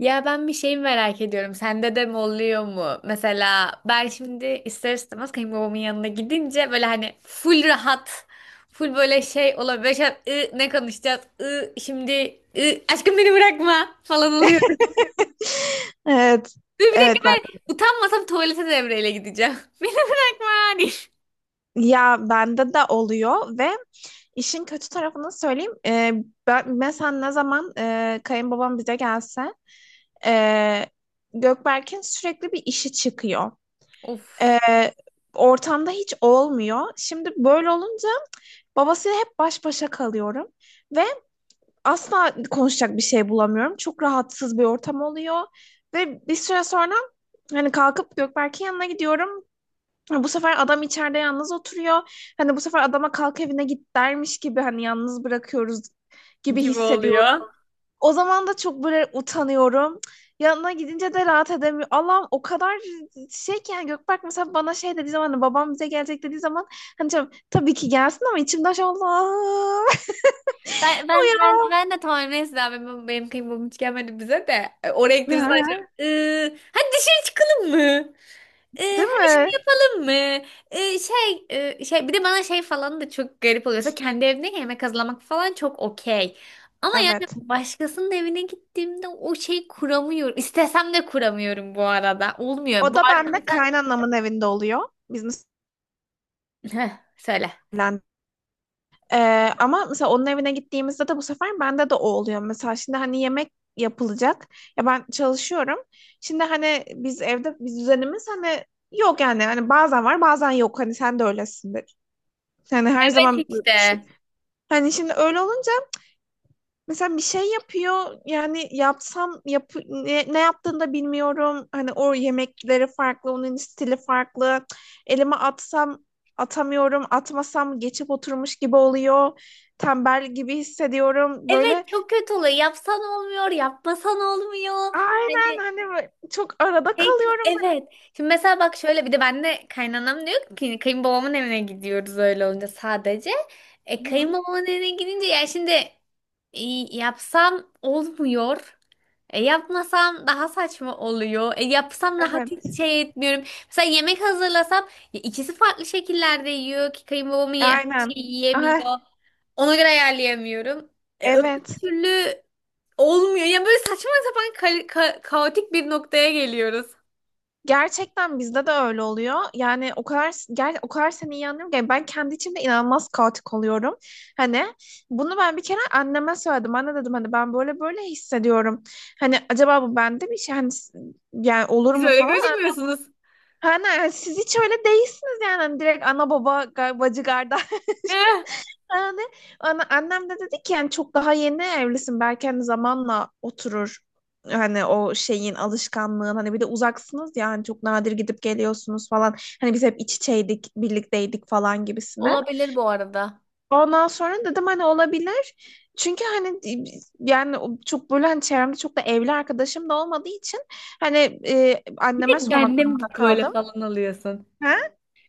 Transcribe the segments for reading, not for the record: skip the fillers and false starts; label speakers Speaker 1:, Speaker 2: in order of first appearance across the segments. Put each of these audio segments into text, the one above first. Speaker 1: Ya ben bir şey merak ediyorum. Sende de mi oluyor mu? Mesela ben şimdi ister istemez kayınbabamın yanına gidince böyle hani full rahat, full böyle şey olabilir. Böyle şey, ne konuşacağız? Aşkım beni bırakma" falan oluyor.
Speaker 2: Evet.
Speaker 1: Dur bir
Speaker 2: Evet
Speaker 1: dakika,
Speaker 2: ben
Speaker 1: ben utanmasam tuvalete devreyle gideceğim. Beni bırakma hani.
Speaker 2: ya bende de oluyor ve işin kötü tarafını söyleyeyim. Ben mesela ne zaman kayınbabam bize gelse, e, Gökberk'in sürekli bir işi çıkıyor. E,
Speaker 1: Of,
Speaker 2: Ortamda hiç olmuyor. Şimdi böyle olunca babasıyla hep baş başa kalıyorum ve asla konuşacak bir şey bulamıyorum. Çok rahatsız bir ortam oluyor ve bir süre sonra hani kalkıp Gökberk'in yanına gidiyorum. Hani bu sefer adam içeride yalnız oturuyor. Hani bu sefer adama kalk evine git dermiş gibi hani yalnız bırakıyoruz gibi
Speaker 1: gibi oluyor.
Speaker 2: hissediyorum. O zaman da çok böyle utanıyorum. Yanına gidince de rahat edemiyorum. Allah'ım o kadar şey ki, yani Gökberk mesela bana şey dediği zaman, hani babam bize gelecek dediği zaman, hani canım, tabii ki gelsin ama içimden şey Allah.
Speaker 1: Ben de tamam neyse abi, benim kıymam hiç gelmedi bize de. Oraya gideriz acaba. Hadi dışarı çıkalım mı? Ee,
Speaker 2: Değil
Speaker 1: hadi şey
Speaker 2: mi?
Speaker 1: yapalım mı? Şey bir de bana şey falan da çok garip oluyorsa, kendi evimde yemek hazırlamak falan çok okey. Ama yani
Speaker 2: Evet.
Speaker 1: başkasının evine gittiğimde o şey kuramıyorum. İstesem de kuramıyorum bu arada. Olmuyor.
Speaker 2: O
Speaker 1: Bu
Speaker 2: da
Speaker 1: arada
Speaker 2: bende
Speaker 1: mesela...
Speaker 2: kaynanamın evinde oluyor. Biz
Speaker 1: Heh, söyle.
Speaker 2: Ee, Ama mesela onun evine gittiğimizde de bu sefer bende de o oluyor. Mesela şimdi hani yemek yapılacak. Ya ben çalışıyorum. Şimdi hani biz düzenimiz hani yok yani. Hani bazen var, bazen yok. Hani sen de öylesindir. Yani her
Speaker 1: Evet
Speaker 2: zaman böyle düşün.
Speaker 1: işte.
Speaker 2: Hani şimdi öyle olunca mesela bir şey yapıyor yani yapsam yap, ne yaptığını da bilmiyorum. Hani o yemekleri farklı, onun stili farklı. Elime atsam atamıyorum, atmasam geçip oturmuş gibi oluyor. Tembel gibi hissediyorum. Böyle
Speaker 1: Evet, çok kötü oluyor. Yapsan olmuyor, yapmasan olmuyor.
Speaker 2: aynen
Speaker 1: Hani,
Speaker 2: hani böyle çok arada
Speaker 1: hey,
Speaker 2: kalıyorum.
Speaker 1: evet. Şimdi mesela bak şöyle, bir de ben de kaynanam diyor ki kayınbabamın evine gidiyoruz öyle olunca sadece. E,
Speaker 2: Hı,
Speaker 1: kayınbabamın evine gidince ya şimdi e, yapsam olmuyor. Yapmasam daha saçma oluyor. Yapsam rahat
Speaker 2: evet,
Speaker 1: hiç şey etmiyorum. Mesela yemek hazırlasam, ya ikisi farklı şekillerde yiyor ki kayınbabamın
Speaker 2: aynen.
Speaker 1: şey yiyemiyor.
Speaker 2: Aha,
Speaker 1: Ona göre ayarlayamıyorum. Öbür
Speaker 2: evet.
Speaker 1: türlü olmuyor. Yani böyle saçma sapan kaotik bir noktaya geliyoruz.
Speaker 2: Gerçekten bizde de öyle oluyor. Yani o kadar seni iyi anlıyorum ki yani ben kendi içimde inanılmaz kaotik oluyorum. Hani bunu ben bir kere anneme söyledim. Anne dedim hani ben böyle böyle hissediyorum. Hani acaba bu bende bir şey hani yani olur
Speaker 1: Siz
Speaker 2: mu
Speaker 1: öyle
Speaker 2: falan.
Speaker 1: gözükmüyorsunuz.
Speaker 2: Hani siz hiç öyle değilsiniz yani. Hani direkt ana baba bacı kardeş
Speaker 1: Eh,
Speaker 2: yani annem de dedi ki yani çok daha yeni evlisin, belki hani zamanla oturur, hani o şeyin alışkanlığın, hani bir de uzaksınız ya, hani çok nadir gidip geliyorsunuz falan, hani biz hep iç içeydik birlikteydik falan gibisine.
Speaker 1: olabilir bu arada.
Speaker 2: Ondan sonra dedim hani olabilir çünkü hani yani o çok böyle hani çevremde çok da evli arkadaşım da olmadığı için hani
Speaker 1: Bir
Speaker 2: anneme
Speaker 1: tek
Speaker 2: sormak
Speaker 1: bende mi bu
Speaker 2: durumunda
Speaker 1: böyle
Speaker 2: kaldım.
Speaker 1: falan alıyorsun?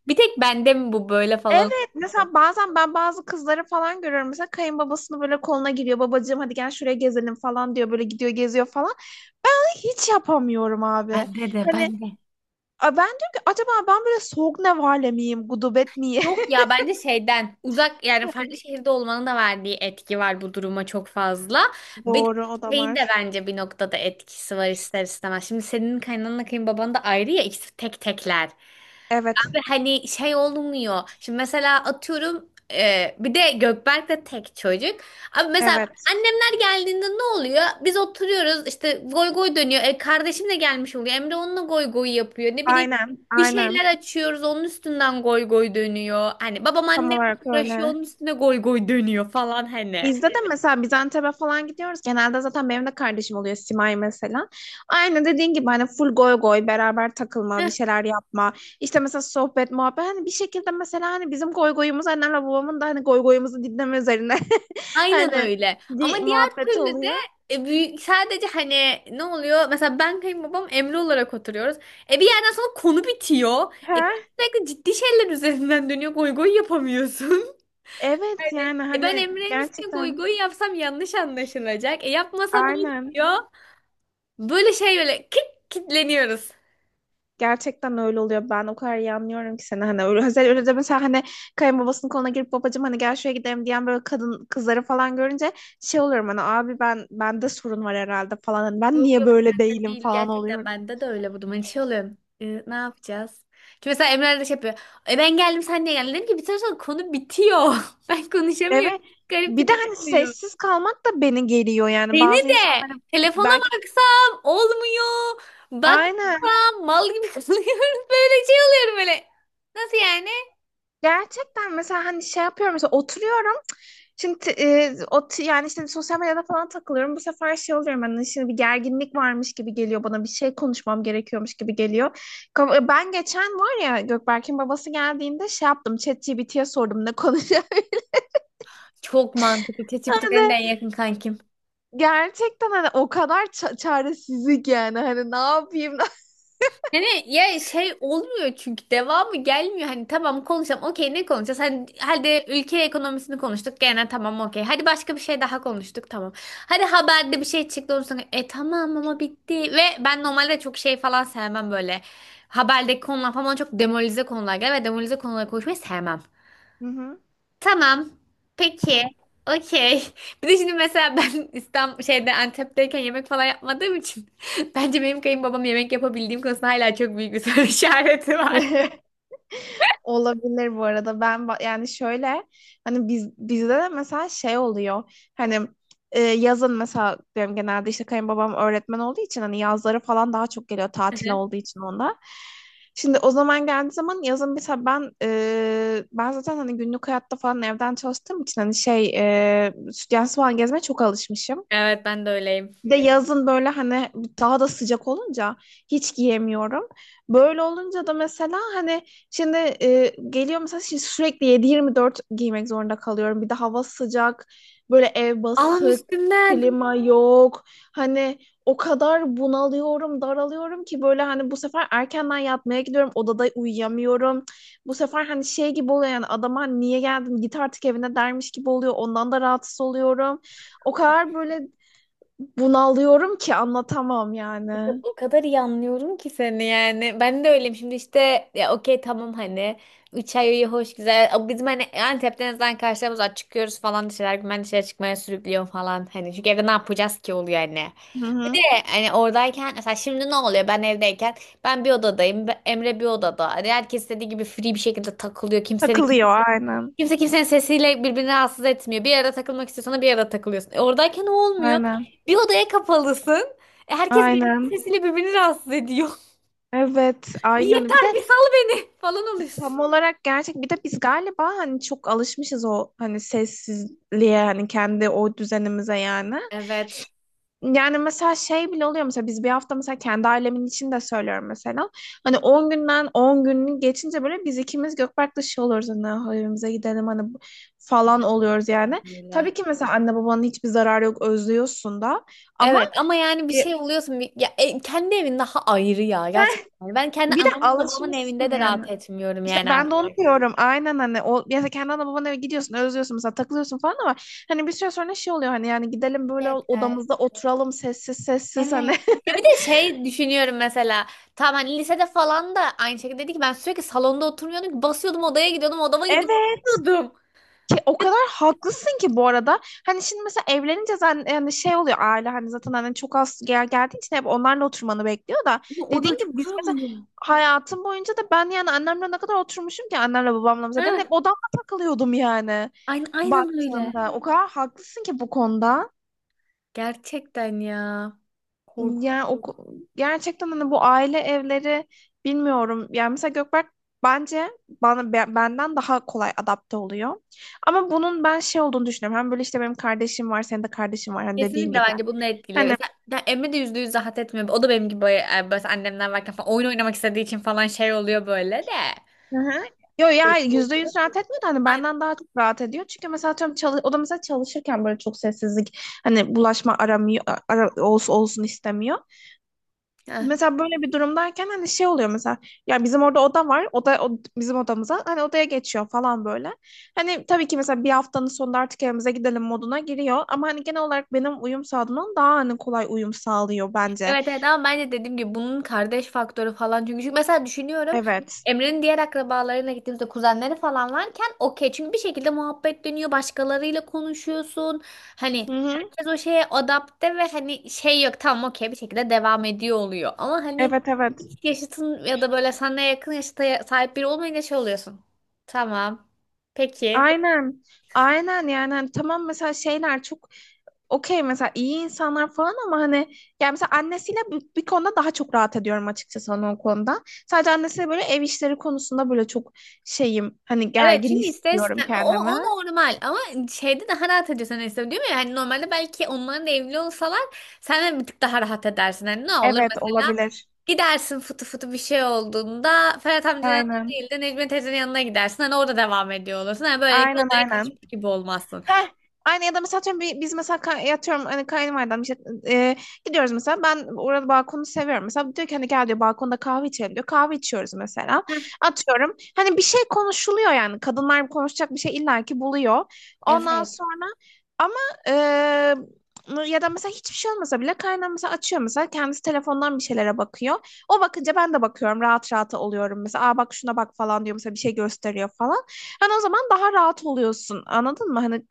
Speaker 1: Bir tek bende mi bu böyle falan
Speaker 2: Evet, mesela
Speaker 1: alıyorsun?
Speaker 2: bazen ben bazı kızları falan görüyorum. Mesela kayınbabasını böyle koluna giriyor. Babacığım hadi gel şuraya gezelim falan diyor. Böyle gidiyor, geziyor falan. Ben onu hiç yapamıyorum abi.
Speaker 1: Bende de
Speaker 2: Hani
Speaker 1: bende.
Speaker 2: ben diyorum ki acaba ben böyle soğuk nevale miyim? Gudubet miyim?
Speaker 1: Yok ya, bence şeyden uzak, yani farklı şehirde olmanın da verdiği etki var bu duruma çok fazla. Bir
Speaker 2: Doğru, o da
Speaker 1: şeyin de
Speaker 2: var.
Speaker 1: bence bir noktada etkisi var ister istemez. Şimdi senin kaynananla kayınbaban da ayrı ya, ikisi tek tekler.
Speaker 2: Evet.
Speaker 1: Abi hani şey olmuyor. Şimdi mesela atıyorum, bir de Gökberk de tek çocuk. Abi mesela
Speaker 2: Evet.
Speaker 1: annemler geldiğinde ne oluyor? Biz oturuyoruz işte goy goy dönüyor. Kardeşim de gelmiş oluyor. Emre onunla goy goy yapıyor. Ne bileyim,
Speaker 2: Aynen.
Speaker 1: bir şeyler
Speaker 2: Aynen.
Speaker 1: açıyoruz onun üstünden goy goy dönüyor. Hani babam
Speaker 2: Tam
Speaker 1: annem
Speaker 2: olarak
Speaker 1: uğraşıyor
Speaker 2: öyle.
Speaker 1: onun üstüne goy goy dönüyor falan hani.
Speaker 2: Bizde de mesela biz Antep'e falan gidiyoruz. Genelde zaten benim de kardeşim oluyor, Simay mesela. Aynı dediğin gibi hani full goy goy, beraber takılma, bir şeyler yapma. İşte mesela sohbet, muhabbet. Hani bir şekilde mesela hani bizim goy goyumuz annemle babamın da hani goy goyumuzu dinleme üzerine.
Speaker 1: Aynen
Speaker 2: Hani
Speaker 1: öyle. Ama
Speaker 2: di
Speaker 1: diğer
Speaker 2: muhabbet
Speaker 1: türlü de
Speaker 2: oluyor.
Speaker 1: büyük, sadece hani ne oluyor? Mesela ben kayınbabam Emre olarak oturuyoruz. Bir yerden sonra konu bitiyor.
Speaker 2: Ha?
Speaker 1: Sürekli ciddi şeyler üzerinden dönüyor. Goy goy yapamıyorsun.
Speaker 2: Evet
Speaker 1: Hani
Speaker 2: yani
Speaker 1: ben
Speaker 2: hani
Speaker 1: Emre'nin üstüne goy
Speaker 2: gerçekten
Speaker 1: goy yapsam yanlış anlaşılacak. Yapmasam
Speaker 2: aynen.
Speaker 1: olmuyor. Böyle şey böyle kitleniyoruz.
Speaker 2: Gerçekten öyle oluyor. Ben o kadar iyi anlıyorum ki seni hani öyle, özel öyle de mesela hani kayınbabasının koluna girip babacığım hani gel şuraya gidelim diyen böyle kadın kızları falan görünce şey oluyorum hani abi ben bende sorun var herhalde falan, hani ben
Speaker 1: Yok,
Speaker 2: niye
Speaker 1: yok,
Speaker 2: böyle
Speaker 1: sende
Speaker 2: değilim
Speaker 1: değil.
Speaker 2: falan
Speaker 1: Gerçekten
Speaker 2: oluyorum.
Speaker 1: bende de öyle bu durum. Hani şey oluyor. Ne yapacağız? Çünkü mesela Emre de şey yapıyor. Ben geldim, sen niye geldin? Dedim ki, bir süre sonra konu bitiyor. Ben konuşamıyorum.
Speaker 2: Evet.
Speaker 1: Garip
Speaker 2: Bir
Speaker 1: bir
Speaker 2: de
Speaker 1: durum
Speaker 2: hani
Speaker 1: oluyor.
Speaker 2: sessiz kalmak da beni geriyor yani
Speaker 1: Beni
Speaker 2: bazı
Speaker 1: de
Speaker 2: insanların
Speaker 1: telefona
Speaker 2: belki,
Speaker 1: baksam olmuyor.
Speaker 2: aynen.
Speaker 1: Baksam mal gibi kalıyorum. Böyle şey oluyorum böyle. Nasıl yani?
Speaker 2: Gerçekten mesela hani şey yapıyorum mesela oturuyorum şimdi yani işte sosyal medyada falan takılıyorum bu sefer şey oluyorum hani şimdi bir gerginlik varmış gibi geliyor bana, bir şey konuşmam gerekiyormuş gibi geliyor. Ben geçen var ya Gökberk'in babası geldiğinde şey yaptım, ChatGPT'ye sordum ne konuşacağım.
Speaker 1: Çok mantıklı. ChatGPT benim de
Speaker 2: Hani
Speaker 1: en yakın kankim.
Speaker 2: gerçekten hani o kadar çaresizlik yani hani ne yapayım.
Speaker 1: Yani ya şey olmuyor çünkü devamı gelmiyor. Hani tamam konuşalım. Okey, ne konuşacağız? Hani hadi ülke ekonomisini konuştuk. Gene tamam okey. Hadi başka bir şey daha konuştuk. Tamam. Hadi haberde bir şey çıktı. Ondan sonra tamam ama bitti. Ve ben normalde çok şey falan sevmem böyle. Haberdeki konular falan bana çok demolize konular gelir ve demolize konuları konuşmayı sevmem.
Speaker 2: Hı hı.
Speaker 1: Tamam. Peki. Okey. Bir de şimdi mesela ben İstanbul şeyde Antep'teyken yemek falan yapmadığım için bence benim kayınbabam yemek yapabildiğim konusunda hala çok büyük bir soru işareti var.
Speaker 2: Olabilir bu arada. Ben yani şöyle hani bizde de mesela şey oluyor. Hani yazın mesela benim genelde işte kayınbabam öğretmen olduğu için hani yazları falan daha çok geliyor
Speaker 1: Hı
Speaker 2: tatil
Speaker 1: hı.
Speaker 2: olduğu için onda. Şimdi o zaman geldiği zaman yazın mesela ben zaten hani günlük hayatta falan evden çalıştığım için hani şey, stüdyen falan gezmeye çok alışmışım.
Speaker 1: Evet, ben de öyleyim.
Speaker 2: Bir de yazın böyle hani daha da sıcak olunca hiç giyemiyorum. Böyle olunca da mesela hani şimdi geliyor mesela şimdi sürekli 7-24 giymek zorunda kalıyorum. Bir de hava sıcak, böyle ev
Speaker 1: Alan
Speaker 2: basık,
Speaker 1: üstünden.
Speaker 2: klima yok. Hani o kadar bunalıyorum, daralıyorum ki böyle hani bu sefer erkenden yatmaya gidiyorum. Odada uyuyamıyorum. Bu sefer hani şey gibi oluyor yani adama hani niye geldin git artık evine dermiş gibi oluyor. Ondan da rahatsız oluyorum. O kadar böyle bunalıyorum ki anlatamam yani.
Speaker 1: O kadar iyi anlıyorum ki seni yani. Ben de öyleyim. Şimdi işte ya okey tamam hani. 3 ay iyi hoş güzel. Ama bizim hani Antep'te en azından karşılarımız var. Çıkıyoruz falan dışarı. Ben dışarı çıkmaya sürüklüyor falan. Hani çünkü evde ne yapacağız ki oluyor hani. E,
Speaker 2: Hı hı.
Speaker 1: Hani oradayken mesela şimdi ne oluyor, ben evdeyken ben bir odadayım, Emre bir odada, hani herkes istediği gibi free bir şekilde takılıyor, kimsenin
Speaker 2: Takılıyor aynen.
Speaker 1: kimse kimsenin sesiyle birbirini rahatsız etmiyor, bir yere takılmak istiyorsan bir yere takılıyorsun. Oradayken o olmuyor,
Speaker 2: Aynen.
Speaker 1: bir odaya kapalısın. Herkes birbirinin
Speaker 2: Aynen.
Speaker 1: sesiyle birbirini rahatsız ediyor.
Speaker 2: Evet,
Speaker 1: Bir
Speaker 2: aynen. Bir
Speaker 1: yeter
Speaker 2: de
Speaker 1: bir sal beni falan oluyorsun.
Speaker 2: tam olarak gerçek, bir de biz galiba hani çok alışmışız o hani sessizliğe, hani kendi o düzenimize yani.
Speaker 1: Evet
Speaker 2: Yani mesela şey bile oluyor, mesela biz bir hafta mesela kendi ailemin için de söylüyorum mesela. Hani 10 günden 10 günü geçince böyle biz ikimiz Gökberk dışı oluyoruz hani "Ah, evimize gidelim hani falan oluyoruz yani.
Speaker 1: öyle.
Speaker 2: Tabii ki mesela anne babanın hiçbir zararı yok, özlüyorsun da ama
Speaker 1: Evet, ama yani bir şey
Speaker 2: e,
Speaker 1: oluyorsun, ya, kendi evin daha ayrı ya, gerçekten ben kendi
Speaker 2: bir de
Speaker 1: anamın babamın
Speaker 2: alışmışsın
Speaker 1: evinde de
Speaker 2: yani.
Speaker 1: rahat etmiyorum
Speaker 2: İşte
Speaker 1: yani
Speaker 2: ben
Speaker 1: artık.
Speaker 2: de onu diyorum. Aynen hani o mesela kendi ana babana eve gidiyorsun, özlüyorsun mesela takılıyorsun falan ama hani bir süre sonra şey oluyor hani yani gidelim böyle
Speaker 1: Yeter.
Speaker 2: odamızda oturalım sessiz sessiz hani.
Speaker 1: Evet. Ya bir de şey düşünüyorum mesela. Tamam hani lisede falan da aynı şekilde dedi ki, ben sürekli salonda oturmuyordum ki, basıyordum odaya gidiyordum, odama gidip
Speaker 2: Evet.
Speaker 1: yatıyordum.
Speaker 2: O kadar haklısın ki bu arada. Hani şimdi mesela evlenince zaten yani şey oluyor, aile hani zaten hani çok az geldiği için hep onlarla oturmanı bekliyor da
Speaker 1: Ama o da
Speaker 2: dediğin gibi
Speaker 1: çok
Speaker 2: biz
Speaker 1: zor
Speaker 2: mesela
Speaker 1: oluyor.
Speaker 2: hayatım boyunca da ben yani annemle ne kadar oturmuşum ki annemle babamla mesela ben
Speaker 1: Heh,
Speaker 2: hep odamda takılıyordum yani
Speaker 1: aynen, aynen öyle.
Speaker 2: baktığında. O kadar haklısın ki bu konuda.
Speaker 1: Gerçekten ya.
Speaker 2: Yani
Speaker 1: Korkunç.
Speaker 2: gerçekten hani bu aile evleri bilmiyorum. Yani mesela Gökberk bence bana benden daha kolay adapte oluyor. Ama bunun ben şey olduğunu düşünüyorum. Hem böyle işte benim kardeşim var, senin de kardeşin var hani
Speaker 1: Kesinlikle
Speaker 2: dediğin gibi.
Speaker 1: bence bunun etkili.
Speaker 2: Hani
Speaker 1: Mesela ben Emre de %100 rahat etmiyor. O da benim gibi, böyle annemler varken falan oyun oynamak istediği için falan şey oluyor böyle de.
Speaker 2: hı hı. Yo ya
Speaker 1: Evet.
Speaker 2: %100 rahat etmiyor da hani benden daha çok rahat ediyor. Çünkü mesela atıyorum çalış, o da mesela çalışırken böyle çok sessizlik hani bulaşma aramıyor, ara olsun olsun istemiyor.
Speaker 1: Aynen.
Speaker 2: Mesela böyle bir durumdayken hani şey oluyor mesela ya bizim orada oda var bizim odamıza hani odaya geçiyor falan böyle. Hani tabii ki mesela bir haftanın sonunda artık evimize gidelim moduna giriyor ama hani genel olarak benim uyum sağladığımdan daha hani kolay uyum sağlıyor bence.
Speaker 1: Evet evet, ama ben de dediğim gibi bunun kardeş faktörü falan çünkü mesela düşünüyorum
Speaker 2: Evet.
Speaker 1: Emre'nin diğer akrabalarıyla gittiğimizde kuzenleri falan varken okey, çünkü bir şekilde muhabbet dönüyor, başkalarıyla konuşuyorsun, hani
Speaker 2: Hı hı.
Speaker 1: herkes o şeye adapte ve hani şey yok, tamam okey, bir şekilde devam ediyor oluyor, ama hani
Speaker 2: Evet, evet.
Speaker 1: hiç yaşıtın ya da böyle sana yakın yaşta sahip biri olmayınca şey oluyorsun. Tamam. Peki.
Speaker 2: Aynen. Aynen yani hani tamam mesela şeyler çok okey, mesela iyi insanlar falan ama hani yani mesela annesiyle bir konuda daha çok rahat ediyorum açıkçası hani o konuda. Sadece annesiyle böyle ev işleri konusunda böyle çok şeyim hani
Speaker 1: Evet
Speaker 2: gergin
Speaker 1: çünkü
Speaker 2: hissediyorum
Speaker 1: istersen, o
Speaker 2: kendimi.
Speaker 1: normal ama şeyde daha rahat ediyorsun istedim değil mi? Yani normalde belki onların da evli olsalar sen de bir tık daha rahat edersin. Hani ne olur
Speaker 2: Evet
Speaker 1: mesela,
Speaker 2: olabilir.
Speaker 1: gidersin fıtı fıtı bir şey olduğunda Ferhat amcanın yanına
Speaker 2: Aynen.
Speaker 1: değil de Necmiye teyzenin yanına gidersin. Hani orada devam ediyor olursun. Hani böyle
Speaker 2: Aynen
Speaker 1: odaya
Speaker 2: aynen.
Speaker 1: kaçmış gibi olmazsın.
Speaker 2: Heh, aynı ya da mesela atıyorum biz mesela yatıyorum hani kayınvalidem işte, e, gidiyoruz mesela ben orada balkonu seviyorum mesela diyor ki hani gel diyor balkonda kahve içelim diyor, kahve içiyoruz mesela
Speaker 1: Heh,
Speaker 2: atıyorum hani bir şey konuşuluyor yani kadınlar konuşacak bir şey illaki buluyor. Ondan
Speaker 1: evet.
Speaker 2: sonra ama e, ya da mesela hiçbir şey olmasa bile kaynağım mesela açıyor mesela kendisi telefondan bir şeylere bakıyor, o bakınca ben de bakıyorum rahat rahat oluyorum, mesela aa bak şuna bak falan diyor mesela, bir şey gösteriyor falan. Hani o zaman daha rahat oluyorsun. Anladın mı? Hani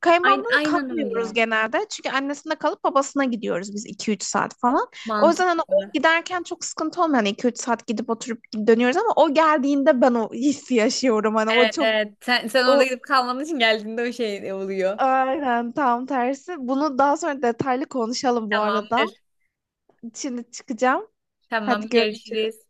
Speaker 2: kayınmamla
Speaker 1: Aynen,
Speaker 2: da
Speaker 1: aynen
Speaker 2: kalmıyoruz
Speaker 1: öyle.
Speaker 2: genelde. Çünkü annesinde kalıp babasına gidiyoruz biz iki üç saat falan. O yüzden hani o
Speaker 1: Mantıklı.
Speaker 2: giderken çok sıkıntı olmuyor. Hani 2-3 saat gidip oturup dönüyoruz ama o geldiğinde ben o hissi yaşıyorum. Hani o
Speaker 1: Evet,
Speaker 2: çok
Speaker 1: evet. Sen orada
Speaker 2: o
Speaker 1: gidip kalmadığın için geldiğinde o şey oluyor.
Speaker 2: aynen tam tersi. Bunu daha sonra detaylı konuşalım bu arada.
Speaker 1: Tamamdır.
Speaker 2: Şimdi çıkacağım.
Speaker 1: Tamam,
Speaker 2: Hadi görüşürüz.
Speaker 1: görüşürüz.